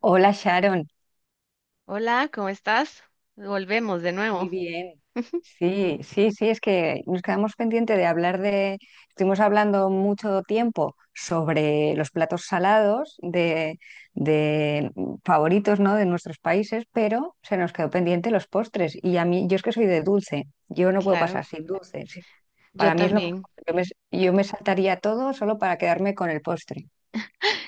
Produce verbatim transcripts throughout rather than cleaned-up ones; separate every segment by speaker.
Speaker 1: Hola Sharon,
Speaker 2: Hola, ¿cómo estás? Volvemos de
Speaker 1: muy
Speaker 2: nuevo.
Speaker 1: bien. Sí, sí, sí, es que nos quedamos pendiente de hablar de, estuvimos hablando mucho tiempo sobre los platos salados de, de mm, favoritos, ¿no? De nuestros países, pero se nos quedó pendiente los postres. Y a mí, yo es que soy de dulce, yo no puedo
Speaker 2: Claro,
Speaker 1: pasar sin dulce. Sí.
Speaker 2: yo
Speaker 1: Para mí es lo mejor.
Speaker 2: también,
Speaker 1: Yo me, yo me saltaría todo solo para quedarme con el postre.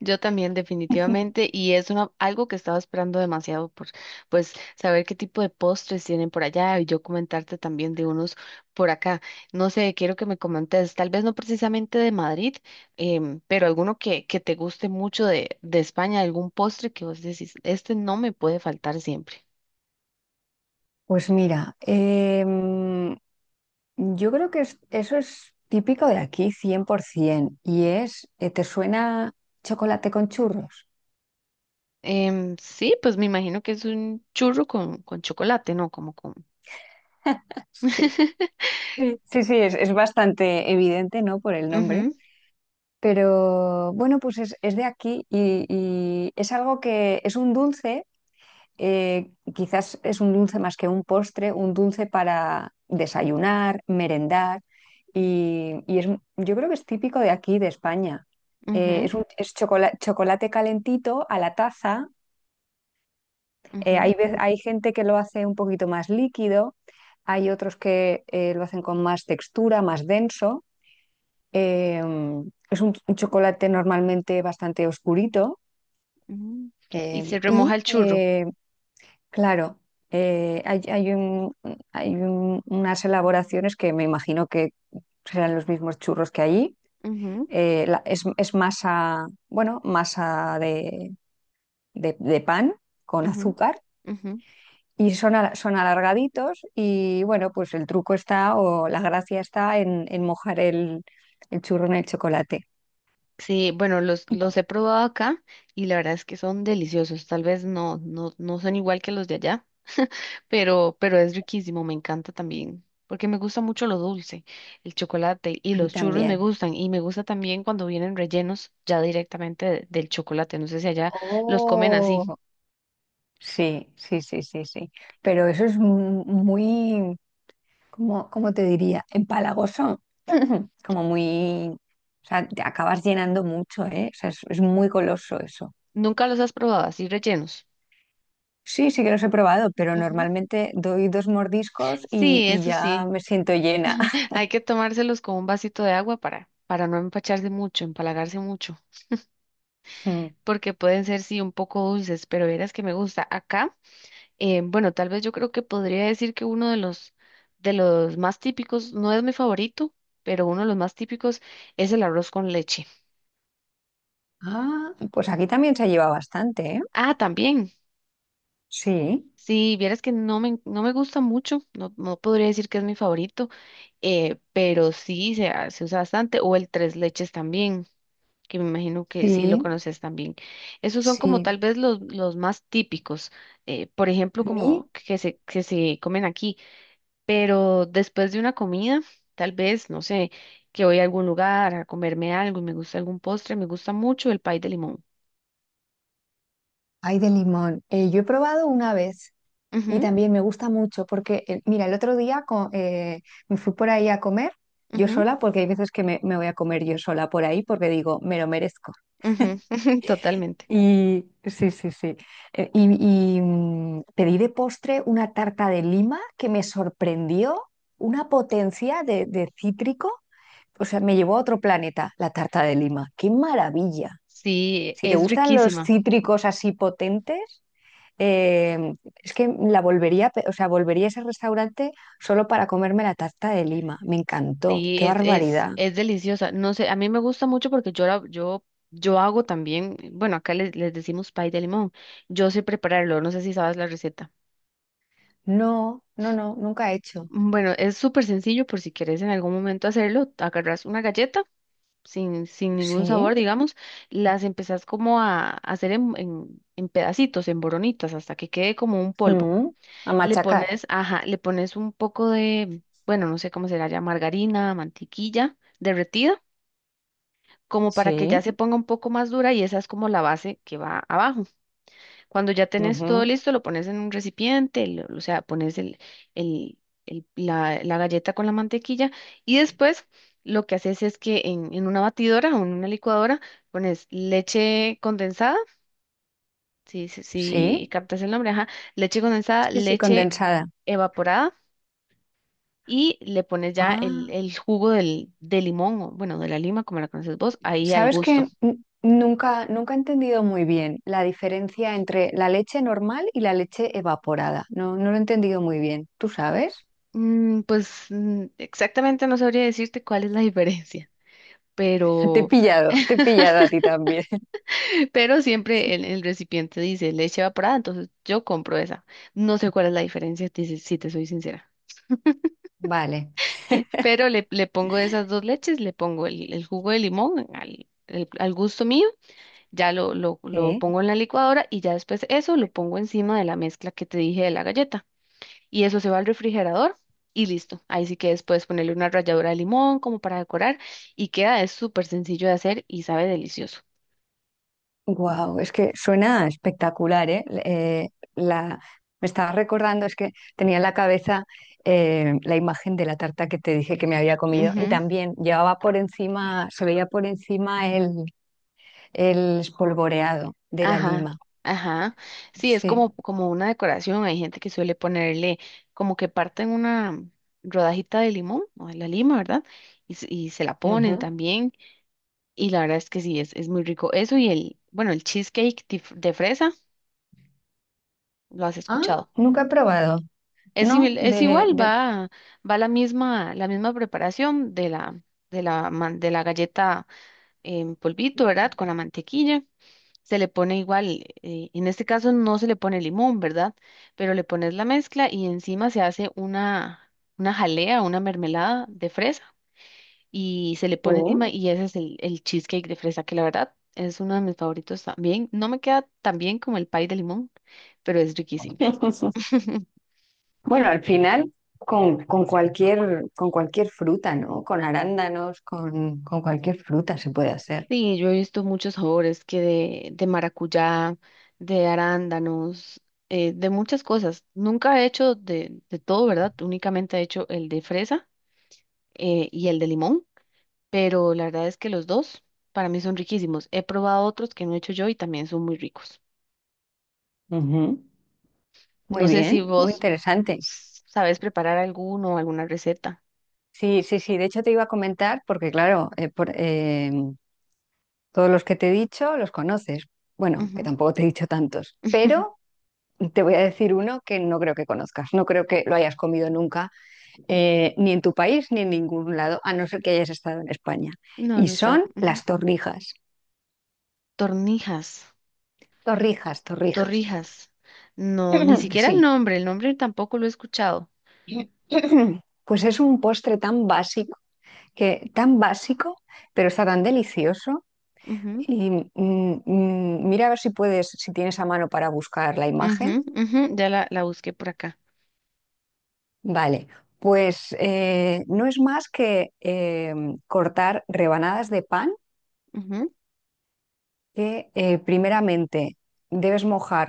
Speaker 2: yo también definitivamente, y es una, algo que estaba esperando demasiado por, pues, saber qué tipo de postres tienen por allá y yo comentarte también de unos por acá. No sé, quiero que me comentes, tal vez no precisamente de Madrid, em, pero alguno que, que te guste mucho de, de España, algún postre que vos decís, este no me puede faltar siempre.
Speaker 1: Pues mira, em, yo creo que es- eso es típico de aquí, cien por ciento, y es, eh, ¿te suena chocolate con churros?
Speaker 2: Em, sí, pues me imagino que es un churro con, con chocolate, ¿no? Como con...
Speaker 1: Sí, sí, sí, sí, es, es bastante evidente, ¿no? Por el nombre.
Speaker 2: Ujú,
Speaker 1: Pero bueno, pues es, es de aquí y, y es algo que es un dulce. Eh, quizás es un dulce más que un postre, un dulce para desayunar, merendar, y, y es, yo creo que es típico de aquí, de España. Eh,
Speaker 2: ujú,
Speaker 1: es un, es chocola- chocolate calentito a la taza. Eh,
Speaker 2: ujú,
Speaker 1: hay, ve- hay gente que lo hace un poquito más líquido, hay otros que eh, lo hacen con más textura, más denso. Eh, es un, un chocolate normalmente bastante oscurito.
Speaker 2: ujú. Y se
Speaker 1: eh,
Speaker 2: remoja
Speaker 1: y
Speaker 2: el churro.
Speaker 1: eh, Claro, eh, hay, hay un- hay un- unas elaboraciones que me imagino que serán los mismos churros que allí.
Speaker 2: Ujú,
Speaker 1: Eh, la- es, es masa, bueno, masa de, de- de pan con
Speaker 2: ujú,
Speaker 1: azúcar
Speaker 2: ujú.
Speaker 1: y son, al- son alargaditos y bueno, pues el truco está o la gracia está en, en mojar el, el churro en el chocolate.
Speaker 2: Sí, bueno, los, los he probado acá y la verdad es que son deliciosos. Tal vez no, no, no son igual que los de allá, pero, pero es riquísimo, me encanta también, porque me gusta mucho lo dulce, el chocolate y
Speaker 1: A mí
Speaker 2: los churros me
Speaker 1: también.
Speaker 2: gustan y me gusta también cuando vienen rellenos ya directamente de- del chocolate. No sé si allá los comen así.
Speaker 1: Oh, sí, sí, sí, sí, sí. Pero eso es mu- muy... Como, ¿cómo te diría? Empalagoso, como muy, o sea, te acabas llenando mucho, ¿eh? O sea, es, es muy goloso eso.
Speaker 2: ¿Nunca los has probado así rellenos?
Speaker 1: Sí, sí que los he probado, pero
Speaker 2: Ujú.
Speaker 1: normalmente doy dos mordiscos y,
Speaker 2: Sí,
Speaker 1: y
Speaker 2: eso
Speaker 1: ya
Speaker 2: sí.
Speaker 1: me siento llena.
Speaker 2: Hay que tomárselos con un vasito de agua para, para no empacharse mucho, empalagarse mucho,
Speaker 1: Mm.
Speaker 2: porque pueden ser sí un poco dulces, pero verás que me gusta. Acá, eh, bueno, tal vez yo creo que podría decir que uno de los, de los más típicos, no es mi favorito, pero uno de los más típicos es el arroz con leche.
Speaker 1: Ah, pues aquí también se lleva bastante, ¿eh?
Speaker 2: Ah, también.
Speaker 1: Sí,
Speaker 2: Sí, vieras que no me, no me gusta mucho, no, no podría decir que es mi favorito, eh, pero sí se, ha- se usa bastante, o el tres leches también. Que me imagino que sí lo
Speaker 1: sí,
Speaker 2: conoces también. Esos son como
Speaker 1: sí.
Speaker 2: tal vez los, los más típicos, eh, por ejemplo,
Speaker 1: A mí
Speaker 2: como que se, que se comen aquí, pero después de una comida, tal vez, no sé, que voy a algún lugar a comerme algo y me gusta algún postre, me gusta mucho el pay de limón.
Speaker 1: hay de limón. Eh, yo he probado una vez. Y
Speaker 2: Ujú,
Speaker 1: también me gusta mucho porque, eh, mira, el otro día co- eh, me fui por ahí a comer yo
Speaker 2: ujú,
Speaker 1: sola, porque hay veces que me, me voy a comer yo sola por ahí porque digo, me lo merezco.
Speaker 2: ujú, totalmente.
Speaker 1: Y sí, sí, sí. Eh, y y, mm, Pedí de postre una tarta de lima que me sorprendió, una potencia de, de cítrico. O sea, me llevó a otro planeta la tarta de lima. ¡Qué maravilla!
Speaker 2: Sí,
Speaker 1: Si te
Speaker 2: es
Speaker 1: gustan los
Speaker 2: riquísima.
Speaker 1: cítricos así potentes, eh, es que la volvería, a pe- o sea, volvería a ese restaurante solo para comerme la tarta de Lima. Me encantó.
Speaker 2: Sí,
Speaker 1: ¡Qué
Speaker 2: es, es,
Speaker 1: barbaridad!
Speaker 2: es deliciosa. No sé, a mí me gusta mucho porque yo, la- yo, yo hago también, bueno, acá les, les decimos pay de limón. Yo sé prepararlo, no sé si sabes la receta.
Speaker 1: No, no, no, nunca he hecho.
Speaker 2: Mm, Bueno, es súper sencillo por si quieres en algún momento hacerlo. Agarras una galleta sin, sin ningún
Speaker 1: Sí.
Speaker 2: sabor, digamos, las empezás como a, a hacer en, en, en pedacitos, en boronitas, hasta que quede como un polvo.
Speaker 1: Mm, a
Speaker 2: Le
Speaker 1: machacar.
Speaker 2: pones, ajá, le pones un poco de, bueno, no sé cómo será ya, margarina, mantequilla derretida como para que
Speaker 1: Sí,
Speaker 2: ya se ponga un poco más dura y esa es como la base que va abajo. Cuando ya tenés todo
Speaker 1: ujú.
Speaker 2: listo, lo pones en un recipiente, lo- o sea, pones el, el- el- la, la galleta con la mantequilla y después lo que haces es que en, en una batidora o en una licuadora pones leche condensada, si, si, si
Speaker 1: Sí,
Speaker 2: captas el nombre, ajá, leche condensada,
Speaker 1: sí, sí,
Speaker 2: leche
Speaker 1: condensada.
Speaker 2: evaporada. Y le pones ya el,
Speaker 1: Ah,
Speaker 2: el jugo del, de limón, o bueno, de la lima, como la conoces vos, ahí al
Speaker 1: ¿sabes
Speaker 2: gusto.
Speaker 1: que nunca, nunca he entendido muy bien la diferencia entre la leche normal y la leche evaporada? No, no lo he entendido muy bien. ¿Tú sabes?
Speaker 2: Mm, pues mm, exactamente no sabría decirte cuál es la diferencia,
Speaker 1: Te he
Speaker 2: pero,
Speaker 1: pillado, te he pillado a ti también.
Speaker 2: pero siempre el, el recipiente dice leche evaporada, entonces yo compro esa. No sé cuál es la diferencia, te- si si te soy sincera.
Speaker 1: Vale,
Speaker 2: Pero le, le pongo esas dos leches, le pongo el, el jugo de limón al, el- al gusto mío, ya lo, lo, lo
Speaker 1: sí.
Speaker 2: pongo en la licuadora y ya después eso lo pongo encima de la mezcla que te dije de la galleta. Y eso se va al refrigerador y listo. Ahí sí que después ponerle una ralladura de limón como para decorar y queda, es súper sencillo de hacer y sabe delicioso.
Speaker 1: Wow, es que suena espectacular, ¿eh? Eh, la, Me estaba recordando, es que tenía en la cabeza eh, la imagen de la tarta que te dije que me había comido y
Speaker 2: Ujú,
Speaker 1: también llevaba por encima, se veía por encima el, el espolvoreado de la
Speaker 2: ajá,
Speaker 1: lima.
Speaker 2: ajá. Sí, es como,
Speaker 1: Sí.
Speaker 2: como una decoración. Hay gente que suele ponerle como que parten una rodajita de limón o de la lima, ¿verdad? Y, se- y se la ponen
Speaker 1: Ujú.
Speaker 2: también. Y la verdad es que sí, es, es muy rico. Eso y el, bueno, el cheesecake de f- de fresa, ¿lo has
Speaker 1: Ah,
Speaker 2: escuchado?
Speaker 1: nunca he probado,
Speaker 2: Es,
Speaker 1: ¿no?
Speaker 2: simil- es
Speaker 1: De,
Speaker 2: igual,
Speaker 1: de...
Speaker 2: va, va la misma, la misma preparación de la, de la, man- de la galleta en polvito, ¿verdad? Con la mantequilla. Se le pone igual, eh, en este caso no se le pone limón, ¿verdad? Pero le pones la mezcla y encima se hace una, una jalea, una mermelada de fresa y se le pone encima
Speaker 1: Sí.
Speaker 2: y ese es el, el cheesecake de fresa, que la verdad es uno de mis favoritos también. No me queda tan bien como el pie de limón, pero es riquísimo.
Speaker 1: Bueno, al final con, con cualquier, con cualquier fruta, ¿no? Con arándanos, con, con cualquier fruta se puede hacer.
Speaker 2: Sí, yo he visto muchos sabores que de, de maracuyá, de arándanos, eh, de muchas cosas. Nunca he hecho de, de todo, ¿verdad? Únicamente he hecho el de fresa eh, y el de limón, pero la verdad es que los dos para mí son riquísimos. He probado otros que no he hecho yo y también son muy ricos.
Speaker 1: Ujú. Muy
Speaker 2: No sé si
Speaker 1: bien, muy
Speaker 2: vos
Speaker 1: interesante.
Speaker 2: s- sabes preparar alguno, alguna receta.
Speaker 1: Sí, sí, sí. De hecho, te iba a comentar, porque claro, eh, por- eh, todos los que te he dicho los conoces. Bueno, que
Speaker 2: Ujú.
Speaker 1: tampoco te he dicho tantos, pero te voy a decir uno que no creo que conozcas, no creo que lo hayas comido nunca, eh, ni en tu país ni en ningún lado, a no ser que hayas estado en España.
Speaker 2: No,
Speaker 1: Y
Speaker 2: no está.
Speaker 1: son
Speaker 2: Ujú.
Speaker 1: las torrijas.
Speaker 2: Tornijas,
Speaker 1: Torrijas, torrijas.
Speaker 2: torrijas. No, ni siquiera el
Speaker 1: Sí.
Speaker 2: nombre, el nombre tampoco lo he escuchado.
Speaker 1: Pues es un postre tan básico, que tan básico, pero está tan delicioso. Y mm, mm, mm, mira a ver si puedes, si tienes a mano para buscar la imagen.
Speaker 2: Ujú, ujú, ya la, la busqué por acá.
Speaker 1: Vale, pues eh, no es más que eh, cortar rebanadas de pan
Speaker 2: Ujú,
Speaker 1: que eh, primeramente debes mojar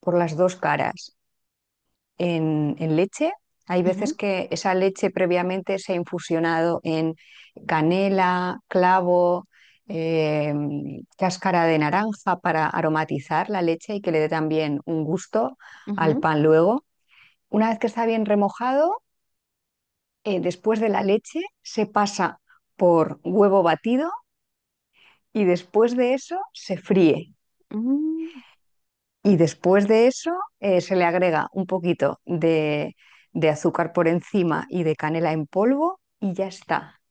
Speaker 1: por las dos caras en, en leche. Hay veces
Speaker 2: ujú,
Speaker 1: que esa leche previamente se ha infusionado en canela, clavo, eh, cáscara de naranja para aromatizar la leche y que le dé también un gusto al
Speaker 2: ujú,
Speaker 1: pan luego. Una vez que está bien remojado, eh, después de la leche se pasa por huevo batido y después de eso se fríe.
Speaker 2: ujú.
Speaker 1: Y después de eso eh, se le agrega un poquito de, de azúcar por encima y de canela en polvo y ya está.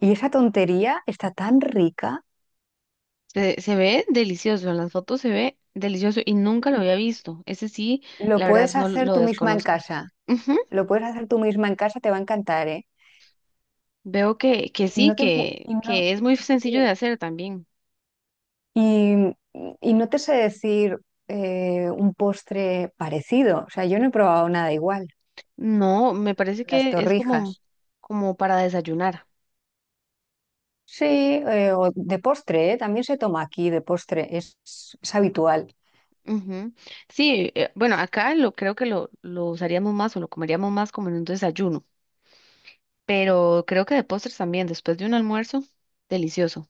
Speaker 1: Y esa tontería está tan rica,
Speaker 2: Se, se ve delicioso, en las fotos se ve delicioso y nunca lo había visto. Ese sí,
Speaker 1: lo
Speaker 2: la verdad
Speaker 1: puedes
Speaker 2: no
Speaker 1: hacer
Speaker 2: lo
Speaker 1: tú misma en
Speaker 2: desconozco.
Speaker 1: casa.
Speaker 2: Ujú,
Speaker 1: Lo puedes hacer tú misma en casa, te va a encantar, ¿eh?
Speaker 2: veo que, que
Speaker 1: Y
Speaker 2: sí,
Speaker 1: no te,
Speaker 2: que,
Speaker 1: pu- y
Speaker 2: que
Speaker 1: no,
Speaker 2: es muy sencillo de
Speaker 1: sí.
Speaker 2: hacer también.
Speaker 1: Y- y no te sé decir eh, un postre parecido. O sea, yo no he probado nada igual.
Speaker 2: No, me parece
Speaker 1: Las
Speaker 2: que es como,
Speaker 1: torrijas.
Speaker 2: como para desayunar.
Speaker 1: Sí, eh, o de postre, ¿eh? También se toma aquí de postre, es es habitual.
Speaker 2: Ujú. Sí, eh, bueno, acá lo creo que lo, lo usaríamos más o lo comeríamos más como en un desayuno, pero creo que de postres también, después de un almuerzo, delicioso.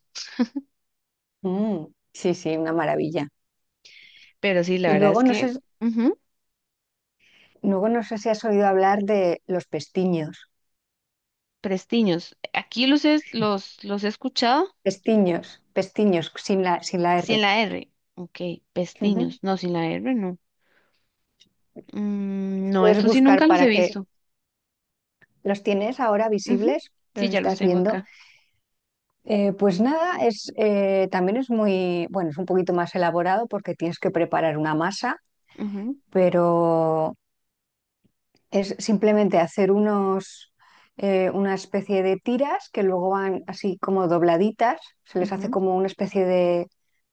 Speaker 1: Mm, sí, sí, una maravilla.
Speaker 2: Pero sí, la
Speaker 1: Y
Speaker 2: verdad
Speaker 1: luego
Speaker 2: es
Speaker 1: no
Speaker 2: que
Speaker 1: sé,
Speaker 2: ujú,
Speaker 1: luego no sé si has oído hablar de los pestiños.
Speaker 2: prestiños. Aquí los, es- los, los he escuchado
Speaker 1: Pestiños, pestiños, sin la, sin la
Speaker 2: sin
Speaker 1: R.
Speaker 2: la R. Ok,
Speaker 1: Ujú.
Speaker 2: pestiños. No, sin la R, no. Mm, no,
Speaker 1: Puedes
Speaker 2: estos sí
Speaker 1: buscar
Speaker 2: nunca los
Speaker 1: para
Speaker 2: he
Speaker 1: que
Speaker 2: visto.
Speaker 1: los tienes ahora
Speaker 2: Ujú,
Speaker 1: visibles,
Speaker 2: sí,
Speaker 1: los
Speaker 2: ya los
Speaker 1: estás
Speaker 2: tengo
Speaker 1: viendo.
Speaker 2: acá.
Speaker 1: Eh, pues nada, es, eh, también es muy, bueno, es un poquito más elaborado porque tienes que preparar una masa,
Speaker 2: Ujú,
Speaker 1: pero es simplemente hacer unos, eh, una especie de tiras que luego van así como dobladitas, se les hace
Speaker 2: ujú,
Speaker 1: como una especie de...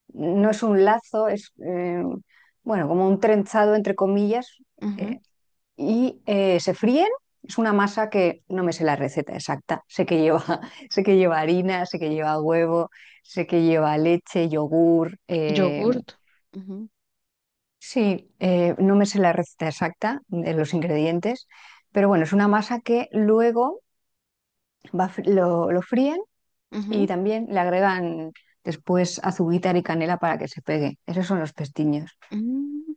Speaker 1: No es un lazo, es eh, bueno, como un trenzado entre comillas,
Speaker 2: ujú.
Speaker 1: eh, y eh, se fríen. Es una masa que no me sé la receta exacta. Sé que lleva, sé que lleva harina, sé que lleva huevo, sé que lleva leche, yogur. Eh,
Speaker 2: Yogurt. Ujú,
Speaker 1: sí, eh, no me sé la receta exacta de los ingredientes, pero bueno, es una masa que luego va fr- lo, lo fríen y
Speaker 2: ujú,
Speaker 1: también le agregan después azúcar y canela para que se pegue. Esos son los pestiños.
Speaker 2: mm.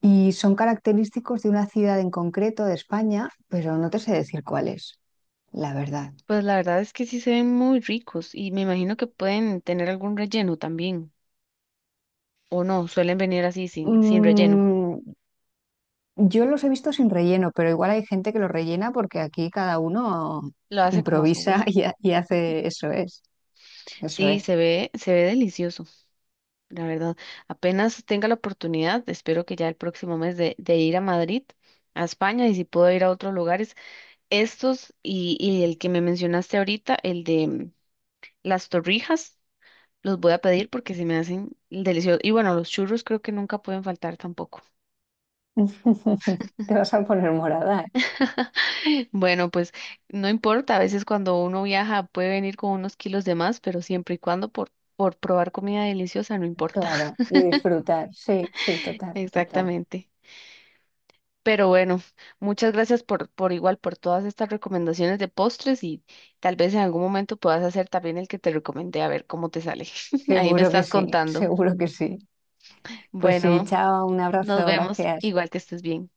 Speaker 1: Y son característicos de una ciudad en concreto de España, pero no te sé decir cuál es, la verdad.
Speaker 2: Pues la verdad es que sí se ven muy ricos y me imagino que pueden tener algún relleno también. O no, suelen venir así sin, sin relleno.
Speaker 1: Mm, yo los he visto sin relleno, pero igual hay gente que los rellena porque aquí cada uno
Speaker 2: Lo hace como a su
Speaker 1: improvisa
Speaker 2: gusto.
Speaker 1: y, ha- y hace eso es, eso
Speaker 2: Sí,
Speaker 1: es.
Speaker 2: se ve, se ve delicioso. La verdad, apenas tenga la oportunidad, espero que ya el próximo mes de, de ir a Madrid, a España, y si puedo ir a otros lugares, estos y, y el que me mencionaste ahorita, el de mm, las torrijas, los voy a pedir porque se me hacen deliciosos. Y bueno, los churros creo que nunca pueden faltar tampoco.
Speaker 1: Te vas a poner morada, ¿eh?
Speaker 2: Bueno, pues no importa, a veces cuando uno viaja puede venir con unos kilos de más, pero siempre y cuando por, por probar comida deliciosa, no importa.
Speaker 1: Claro, y disfrutar. Sí, sí, total, total.
Speaker 2: Exactamente. Pero bueno, muchas gracias por, por igual, por todas estas recomendaciones de postres y tal vez en algún momento puedas hacer también el que te recomendé a ver cómo te sale. Ahí me
Speaker 1: Seguro que
Speaker 2: estás
Speaker 1: sí,
Speaker 2: contando.
Speaker 1: seguro que sí. Pues sí,
Speaker 2: Bueno,
Speaker 1: chao, un
Speaker 2: nos
Speaker 1: abrazo,
Speaker 2: vemos.
Speaker 1: gracias.
Speaker 2: Igual que estés bien.